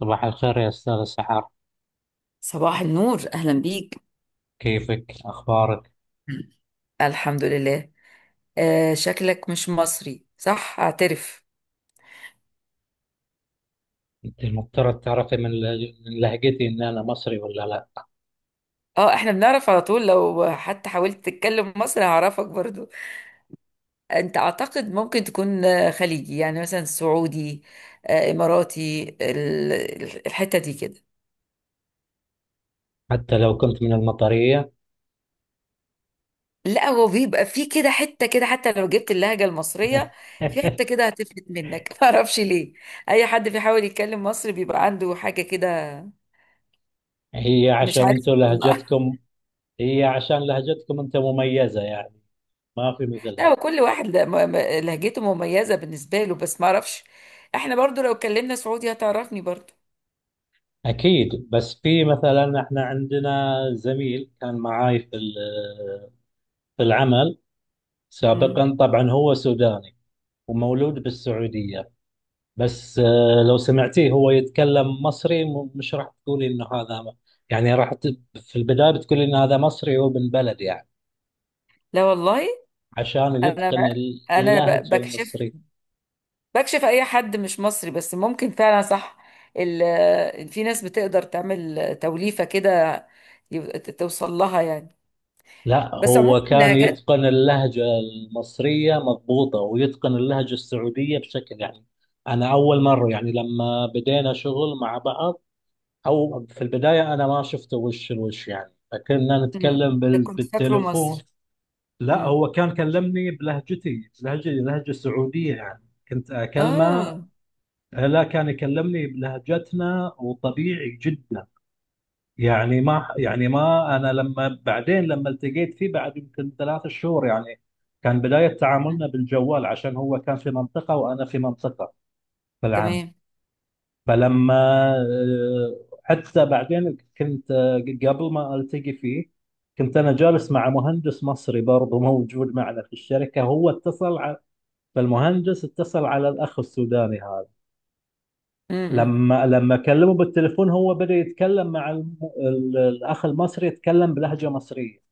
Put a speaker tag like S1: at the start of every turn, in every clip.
S1: صباح الخير يا أستاذ السحار.
S2: صباح النور، أهلا بيك.
S1: كيفك؟ أخبارك؟
S2: الحمد لله. آه، شكلك مش مصري، صح؟ اعترف.
S1: أنت المفترض تعرفي من لهجتي إن أنا مصري ولا لا.
S2: اه، احنا بنعرف على طول، لو حتى حاولت تتكلم مصري هعرفك برضو. انت اعتقد ممكن تكون خليجي، يعني مثلا سعودي، اماراتي، الحتة دي كده.
S1: حتى لو كنت من المطرية.
S2: لا، هو بيبقى في كده حتة كده حتى لو جبت اللهجة المصرية. في حتة كده هتفلت منك ما اعرفش ليه. اي حد بيحاول يتكلم مصري بيبقى عنده حاجة كده.
S1: هي
S2: مش
S1: عشان
S2: عارف
S1: أنتوا
S2: والله.
S1: لهجتكم هي عشان لهجتكم أنت مميزة يعني. ما في
S2: لا،
S1: مثلها.
S2: هو كل واحد لهجته مميزة بالنسبة له، بس ما اعرفش. احنا برضو لو اتكلمنا سعودي هتعرفني برضو.
S1: أكيد. بس في مثلا إحنا عندنا زميل كان معاي في العمل
S2: مم.
S1: سابقا. طبعا هو سوداني ومولود بالسعودية. بس لو سمعتيه هو يتكلم مصري مش راح تقولي انه هذا. يعني في البداية بتقولي ان هذا مصري هو من بلد يعني.
S2: لا، والله.
S1: عشان
S2: انا
S1: يتقن
S2: انا ب-
S1: اللهجة
S2: بكشف
S1: المصرية.
S2: بكشف اي حد مش مصري، بس ممكن فعلا صح. في ناس بتقدر تعمل توليفة كده، توصل لها يعني.
S1: لا،
S2: بس عموما
S1: هو كان
S2: اللهجات.
S1: يتقن اللهجة المصرية مضبوطة ويتقن اللهجة السعودية بشكل يعني. انا اول مرة يعني لما بدينا شغل مع بعض، او في البداية انا ما شفته وش الوش يعني فكنا
S2: مم.
S1: نتكلم
S2: كنت فاكره
S1: بالتليفون.
S2: مصري.
S1: لا
S2: مم.
S1: هو كان كلمني بلهجتي، بلهجة سعودية يعني. كنت أكلمه.
S2: اه.
S1: لا كان يكلمني بلهجتنا وطبيعي جدا يعني، ما يعني ما أنا لما بعدين لما التقيت فيه بعد يمكن 3 شهور يعني. كان بداية تعاملنا بالجوال عشان هو كان في منطقة وأنا في منطقة في العام.
S2: تمام.
S1: فلما آه، حتى بعدين كنت، قبل ما ألتقي فيه، كنت انا جالس مع مهندس مصري برضه موجود معنا في الشركه. هو اتصل، فالمهندس اتصل على الأخ السوداني هذا.
S2: مم.
S1: لما كلمه بالتليفون هو بدأ يتكلم مع الأخ المصري، يتكلم بلهجة مصرية.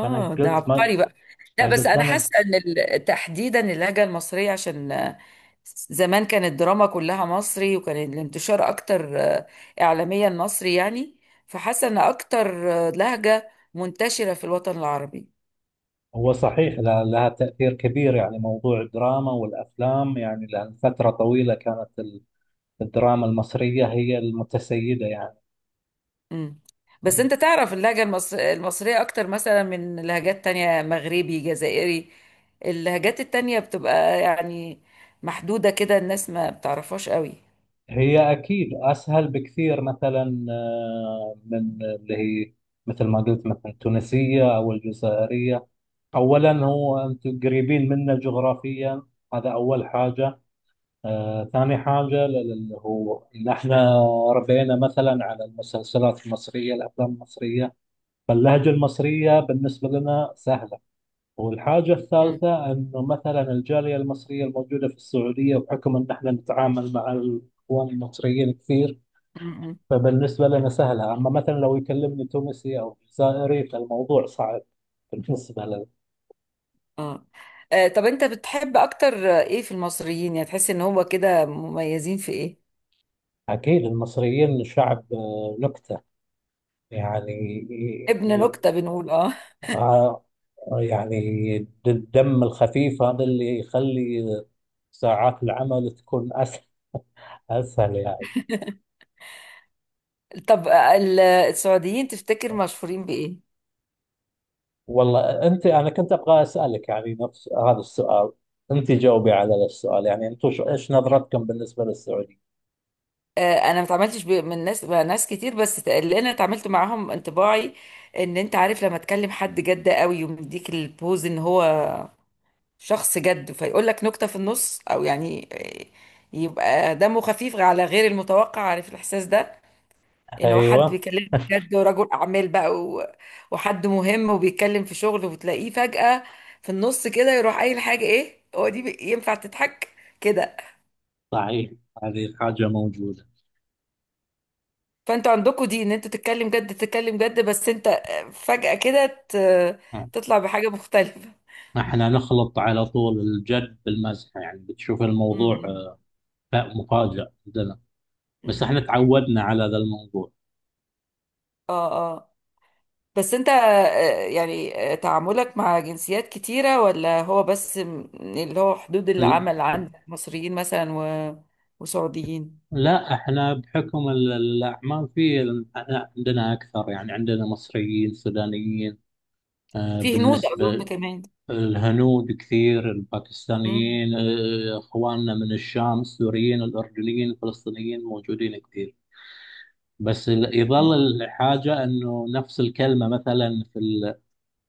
S1: فأنا
S2: ده
S1: قلت ما.
S2: عبقري بقى. لا، بس
S1: فقلت
S2: انا
S1: أنا.
S2: حاسه ان تحديدا اللهجه المصريه، عشان زمان كانت الدراما كلها مصري، وكان الانتشار اكتر اعلاميا مصري يعني. فحاسه ان اكتر لهجه منتشره في الوطن العربي.
S1: هو صحيح لها تأثير كبير يعني، موضوع الدراما والأفلام يعني، لأن فترة طويلة كانت الدراما المصرية هي المتسيدة يعني.
S2: امم. بس انت تعرف اللهجه المصريه اكتر مثلا من لهجات تانية، مغربي، جزائري. اللهجات التانية بتبقى يعني محدوده كده، الناس ما بتعرفهاش قوي.
S1: هي أكيد أسهل بكثير مثلا، من اللي هي مثل ما قلت مثلا التونسية أو الجزائرية. أولا هو أنتم قريبين منا جغرافيا، هذا أول حاجة. ثاني حاجة، هو إن إحنا ربينا مثلا على المسلسلات المصرية، الأفلام المصرية. فاللهجة المصرية بالنسبة لنا سهلة. والحاجة الثالثة أنه مثلا الجالية المصرية الموجودة في السعودية، بحكم أن إحنا نتعامل مع الإخوان المصريين كثير،
S2: مم.
S1: فبالنسبة لنا سهلة. أما مثلا لو يكلمني تونسي أو جزائري فالموضوع صعب بالنسبة لنا.
S2: اه. طب انت بتحب اكتر ايه في المصريين، يعني تحس ان هو كده مميزين في ايه؟
S1: أكيد المصريين شعب نكتة يعني.
S2: ابن نكتة، بنقول اه.
S1: آه، يعني الدم الخفيف هذا اللي يخلي ساعات العمل تكون أسهل، أسهل يعني.
S2: طب، السعوديين تفتكر مشهورين بايه؟
S1: والله أنت، أنا كنت أبغى أسألك يعني نفس هذا السؤال. أنت جاوبي على السؤال يعني. أنتم إيش نظرتكم بالنسبة للسعودية؟
S2: انا ما اتعاملتش من ناس، مع ناس كتير، بس اللي انا اتعاملت معاهم انطباعي ان انت عارف لما تكلم حد جد قوي ومديك البوز ان هو شخص جد فيقول لك نكتة في النص، او يعني يبقى دمه خفيف على غير المتوقع، عارف الاحساس ده؟ ان هو حد
S1: أيوه.
S2: بيكلمك جد ورجل اعمال بقى وحد مهم وبيتكلم في شغل، وتلاقيه فجأة في النص كده يروح قايل حاجة، ايه هو دي ينفع تضحك كده؟
S1: صحيح، هذه الحاجة موجودة.
S2: فانتوا عندكم دي، ان انتوا تتكلم جد، تتكلم جد، بس انت فجأة كده
S1: آه.
S2: تطلع بحاجة مختلفة
S1: احنا نخلط على طول الجد بالمزح يعني، بتشوف
S2: م-
S1: الموضوع
S2: م-
S1: مفاجأ. بس
S2: م.
S1: احنا تعودنا على ذا الموضوع.
S2: اه، اه. بس انت، يعني تعاملك مع جنسيات كتيرة، ولا هو بس اللي هو حدود
S1: لا،
S2: العمل عندك مصريين مثلا وسعوديين.
S1: لا، احنا بحكم الاعمال في، احنا عندنا اكثر يعني، عندنا مصريين، سودانيين،
S2: في هنود اظن
S1: بالنسبه
S2: كمان.
S1: الهنود كثير،
S2: مم.
S1: الباكستانيين، اخواننا من الشام، السوريين، الاردنيين، الفلسطينيين موجودين كثير. بس يظل
S2: مم.
S1: الحاجه انه نفس الكلمه مثلا في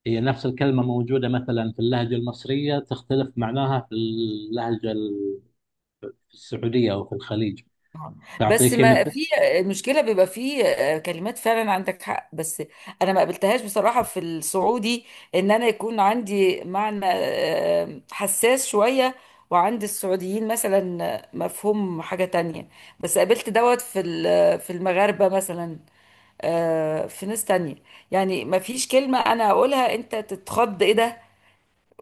S1: هي نفس الكلمه موجوده مثلا في اللهجه المصريه تختلف معناها في في السعوديه او في الخليج.
S2: آه. بس
S1: تعطيكي
S2: ما
S1: مثل.
S2: في المشكله، بيبقى في كلمات، فعلا عندك حق، بس انا ما قابلتهاش بصراحه في السعودي، ان انا يكون عندي معنى حساس شويه، وعند السعوديين مثلا مفهوم حاجه تانية. بس قابلت دوت في المغاربه مثلا، في ناس تانية، يعني ما فيش كلمه انا اقولها انت تتخض، ايه ده،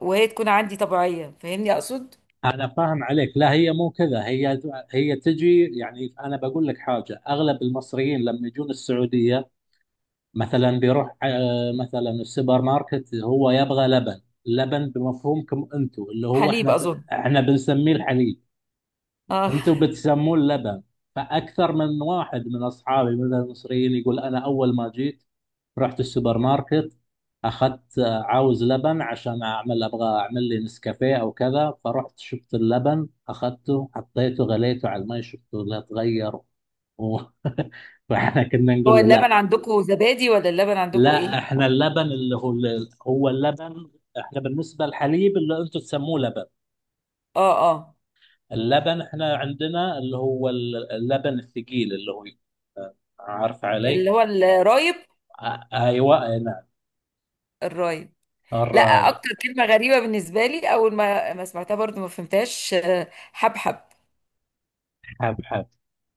S2: وهي تكون عندي طبيعيه، فاهمني اقصد؟
S1: انا فاهم عليك. لا هي مو كذا. هي تجي يعني، انا بقول لك حاجه: اغلب المصريين لما يجون السعوديه مثلا، بيروح مثلا السوبر ماركت، هو يبغى لبن. لبن بمفهومكم انتم اللي هو
S2: حليب اظن.
S1: احنا بنسميه الحليب.
S2: اه.
S1: انتم بتسموه اللبن. فاكثر من واحد من اصحابي مثلا المصريين يقول: انا اول ما جيت رحت السوبر ماركت اخذت، عاوز لبن عشان ابغى اعمل لي نسكافيه او كذا، فرحت شفت اللبن اخذته حطيته غليته على المي شفته لا تغير و... فاحنا كنا
S2: هو
S1: نقول له
S2: اللبن
S1: لا.
S2: عندكم زبادي، ولا اللبن عندكم
S1: لا،
S2: ايه؟
S1: احنا اللبن اللي هو، هو اللبن. احنا بالنسبه للحليب اللي انتم تسموه لبن،
S2: اه، اه.
S1: اللبن احنا عندنا اللي هو اللبن الثقيل اللي هو، عارف
S2: اللي
S1: علي.
S2: هو الرايب.
S1: ايوه، أي نعم.
S2: الرايب. لا،
S1: الرايب.
S2: اكتر كلمة غريبة بالنسبة لي اول ما سمعتها برضو ما فهمتهاش، حبحب.
S1: حب حب،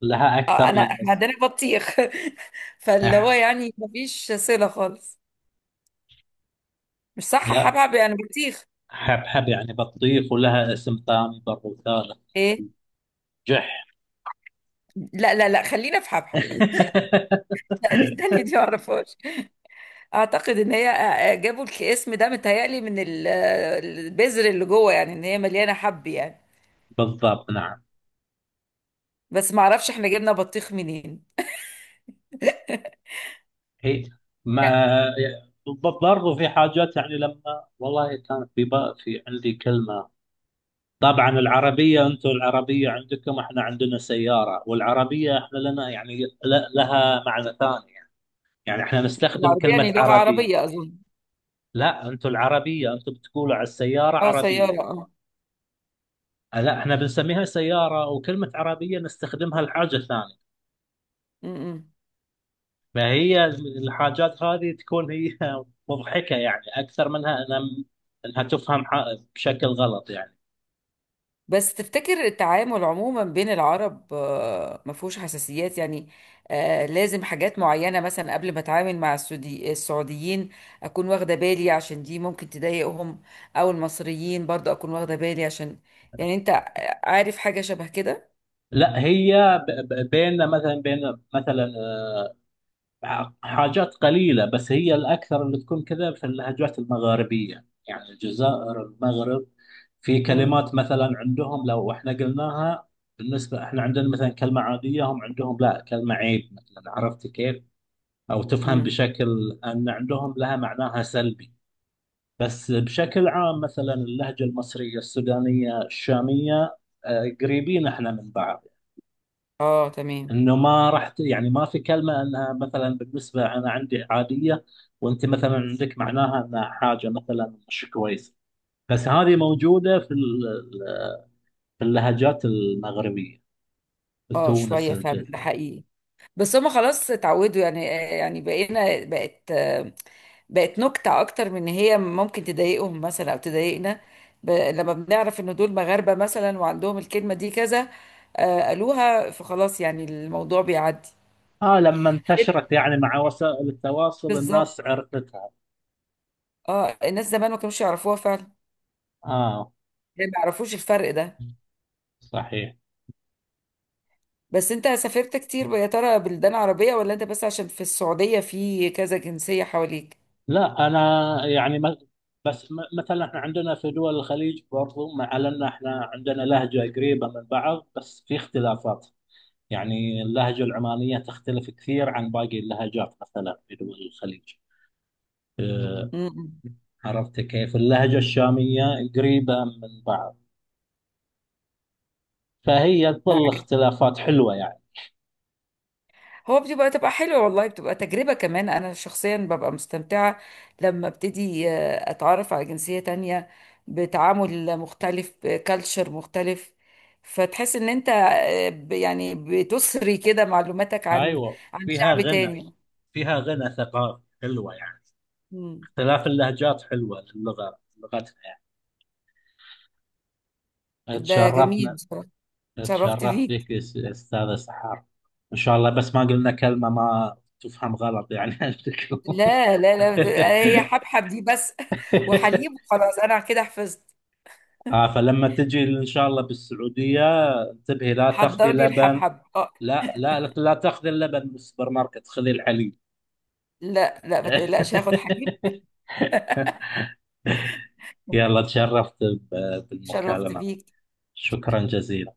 S1: لها
S2: آه
S1: اكثر
S2: انا
S1: من
S2: احنا
S1: اسم.
S2: عندنا بطيخ فاللي هو
S1: أح-
S2: يعني ما فيش صلة خالص. مش صح؟
S1: لا،
S2: حبحب يعني بطيخ.
S1: حبحب يعني بطيخ، ولها اسم ثاني برضو، ثالث:
S2: ايه.
S1: جح.
S2: لا لا لا، خلينا في حبحب. لا، دي التانية دي ما اعرفهاش. اعتقد ان هي، جابوا الاسم ده متهيألي من البذر اللي جوه، يعني ان هي مليانة حب يعني.
S1: بالضبط نعم.
S2: بس ما اعرفش احنا جبنا بطيخ منين.
S1: هي ما برضو في حاجات يعني، لما والله كانت في بقى، في عندي كلمة. طبعا العربية، انتم العربية عندكم، احنا عندنا سيارة. والعربية احنا لنا يعني لها معنى ثاني يعني. يعني احنا نستخدم
S2: العربية
S1: كلمة
S2: يعني لغة
S1: عربية.
S2: عربية اظن.
S1: لا، انتم العربية انتم بتقولوا على السيارة
S2: اه،
S1: عربية.
S2: سيارة، اه.
S1: لا، احنا بنسميها سيارة، وكلمة عربية نستخدمها لحاجة ثانية.
S2: م-م.
S1: ما هي الحاجات هذه تكون هي مضحكة يعني، أكثر منها أنا أنها تفهم بشكل غلط يعني.
S2: بس تفتكر التعامل عموما بين العرب ما فيهوش حساسيات يعني؟ آه، لازم حاجات معينة مثلا قبل ما اتعامل مع السعوديين اكون واخدة بالي عشان دي ممكن تضايقهم، او المصريين برضه اكون واخدة بالي عشان، يعني انت عارف حاجة شبه كده؟
S1: لا هي بيننا مثلا، بين مثلا حاجات قليلة. بس هي الأكثر اللي تكون كذا في اللهجات المغاربية، يعني الجزائر، المغرب. في كلمات مثلا عندهم لو احنا قلناها، بالنسبة احنا عندنا مثلا كلمة عادية، هم عندهم لا، كلمة عيب مثلا. عرفت كيف؟ أو تفهم
S2: امم.
S1: بشكل أن عندهم لها معناها سلبي. بس بشكل عام، مثلا اللهجة المصرية، السودانية، الشامية، قريبين احنا من بعض،
S2: اه، تمام.
S1: انه ما يعني ما في كلمة انها مثلا بالنسبة انا عندي عادية، وانت مثلا عندك معناها انها حاجة مثلا مش كويسة. بس هذه موجودة في اللهجات المغربية، في
S2: اه،
S1: تونس،
S2: شوية فعلا، ده
S1: الجزائر.
S2: حقيقي، بس هما خلاص اتعودوا يعني. يعني بقينا بقت بقت نكتة أكتر من إن هي ممكن تضايقهم مثلا أو تضايقنا. لما بنعرف إن دول مغاربة مثلا وعندهم الكلمة دي كذا، قالوها فخلاص، يعني الموضوع بيعدي.
S1: اه، لما
S2: غير.
S1: انتشرت يعني مع وسائل التواصل
S2: بالظبط.
S1: الناس عرفتها.
S2: اه، الناس زمان ما كانوش يعرفوها فعلا،
S1: اه،
S2: يعني ما يعرفوش الفرق ده.
S1: صحيح.
S2: بس أنت سافرت كتير يا ترى بلدان عربية، ولا أنت بس عشان في السعودية في كذا جنسية حواليك؟
S1: لا انا يعني بس مثلا احنا عندنا في دول الخليج برضو، مع ان احنا عندنا لهجه قريبه من بعض بس في اختلافات. يعني اللهجه العمانيه تختلف كثير عن باقي اللهجات مثلا في دول الخليج، آه،
S2: م-
S1: عرفت كيف. اللهجه الشاميه قريبه من بعض، فهي تظل
S2: م.
S1: اختلافات حلوه يعني.
S2: هو تبقى حلوة، والله بتبقى تجربة كمان، أنا شخصيا ببقى مستمتعة لما ابتدي أتعرف على جنسية تانية، بتعامل مختلف، بكالتشر مختلف. فتحس إن أنت يعني بتسري كده معلوماتك عن
S1: ايوه،
S2: عن
S1: فيها
S2: شعب
S1: غنى.
S2: تاني.
S1: فيها غنى ثقافي حلوه يعني.
S2: مم.
S1: اختلاف اللهجات حلوه لغتنا، يعني
S2: ده جميل
S1: تشرفنا.
S2: بصراحة. اتشرفت
S1: تشرفت فيك
S2: بيك.
S1: أستاذ سحار. إن شاء الله، بس ما قلنا كلمة ما تفهم غلط يعني. أشكركم.
S2: لا لا لا، هي حبحب دي بس وحليب، وخلاص أنا كده حفظت.
S1: آه، فلما تجي إن شاء الله بالسعودية انتبهي، لا تاخذي
S2: حضر لي
S1: لبن.
S2: الحبحب، اه.
S1: لا، لا، لا، لا تاخذي اللبن من السوبر ماركت، خذي الحليب.
S2: لا لا، ما تقلقش، هاخد حليب.
S1: يلا، تشرفت
S2: اتشرفت
S1: بالمكالمة.
S2: بيك.
S1: شكرا جزيلا.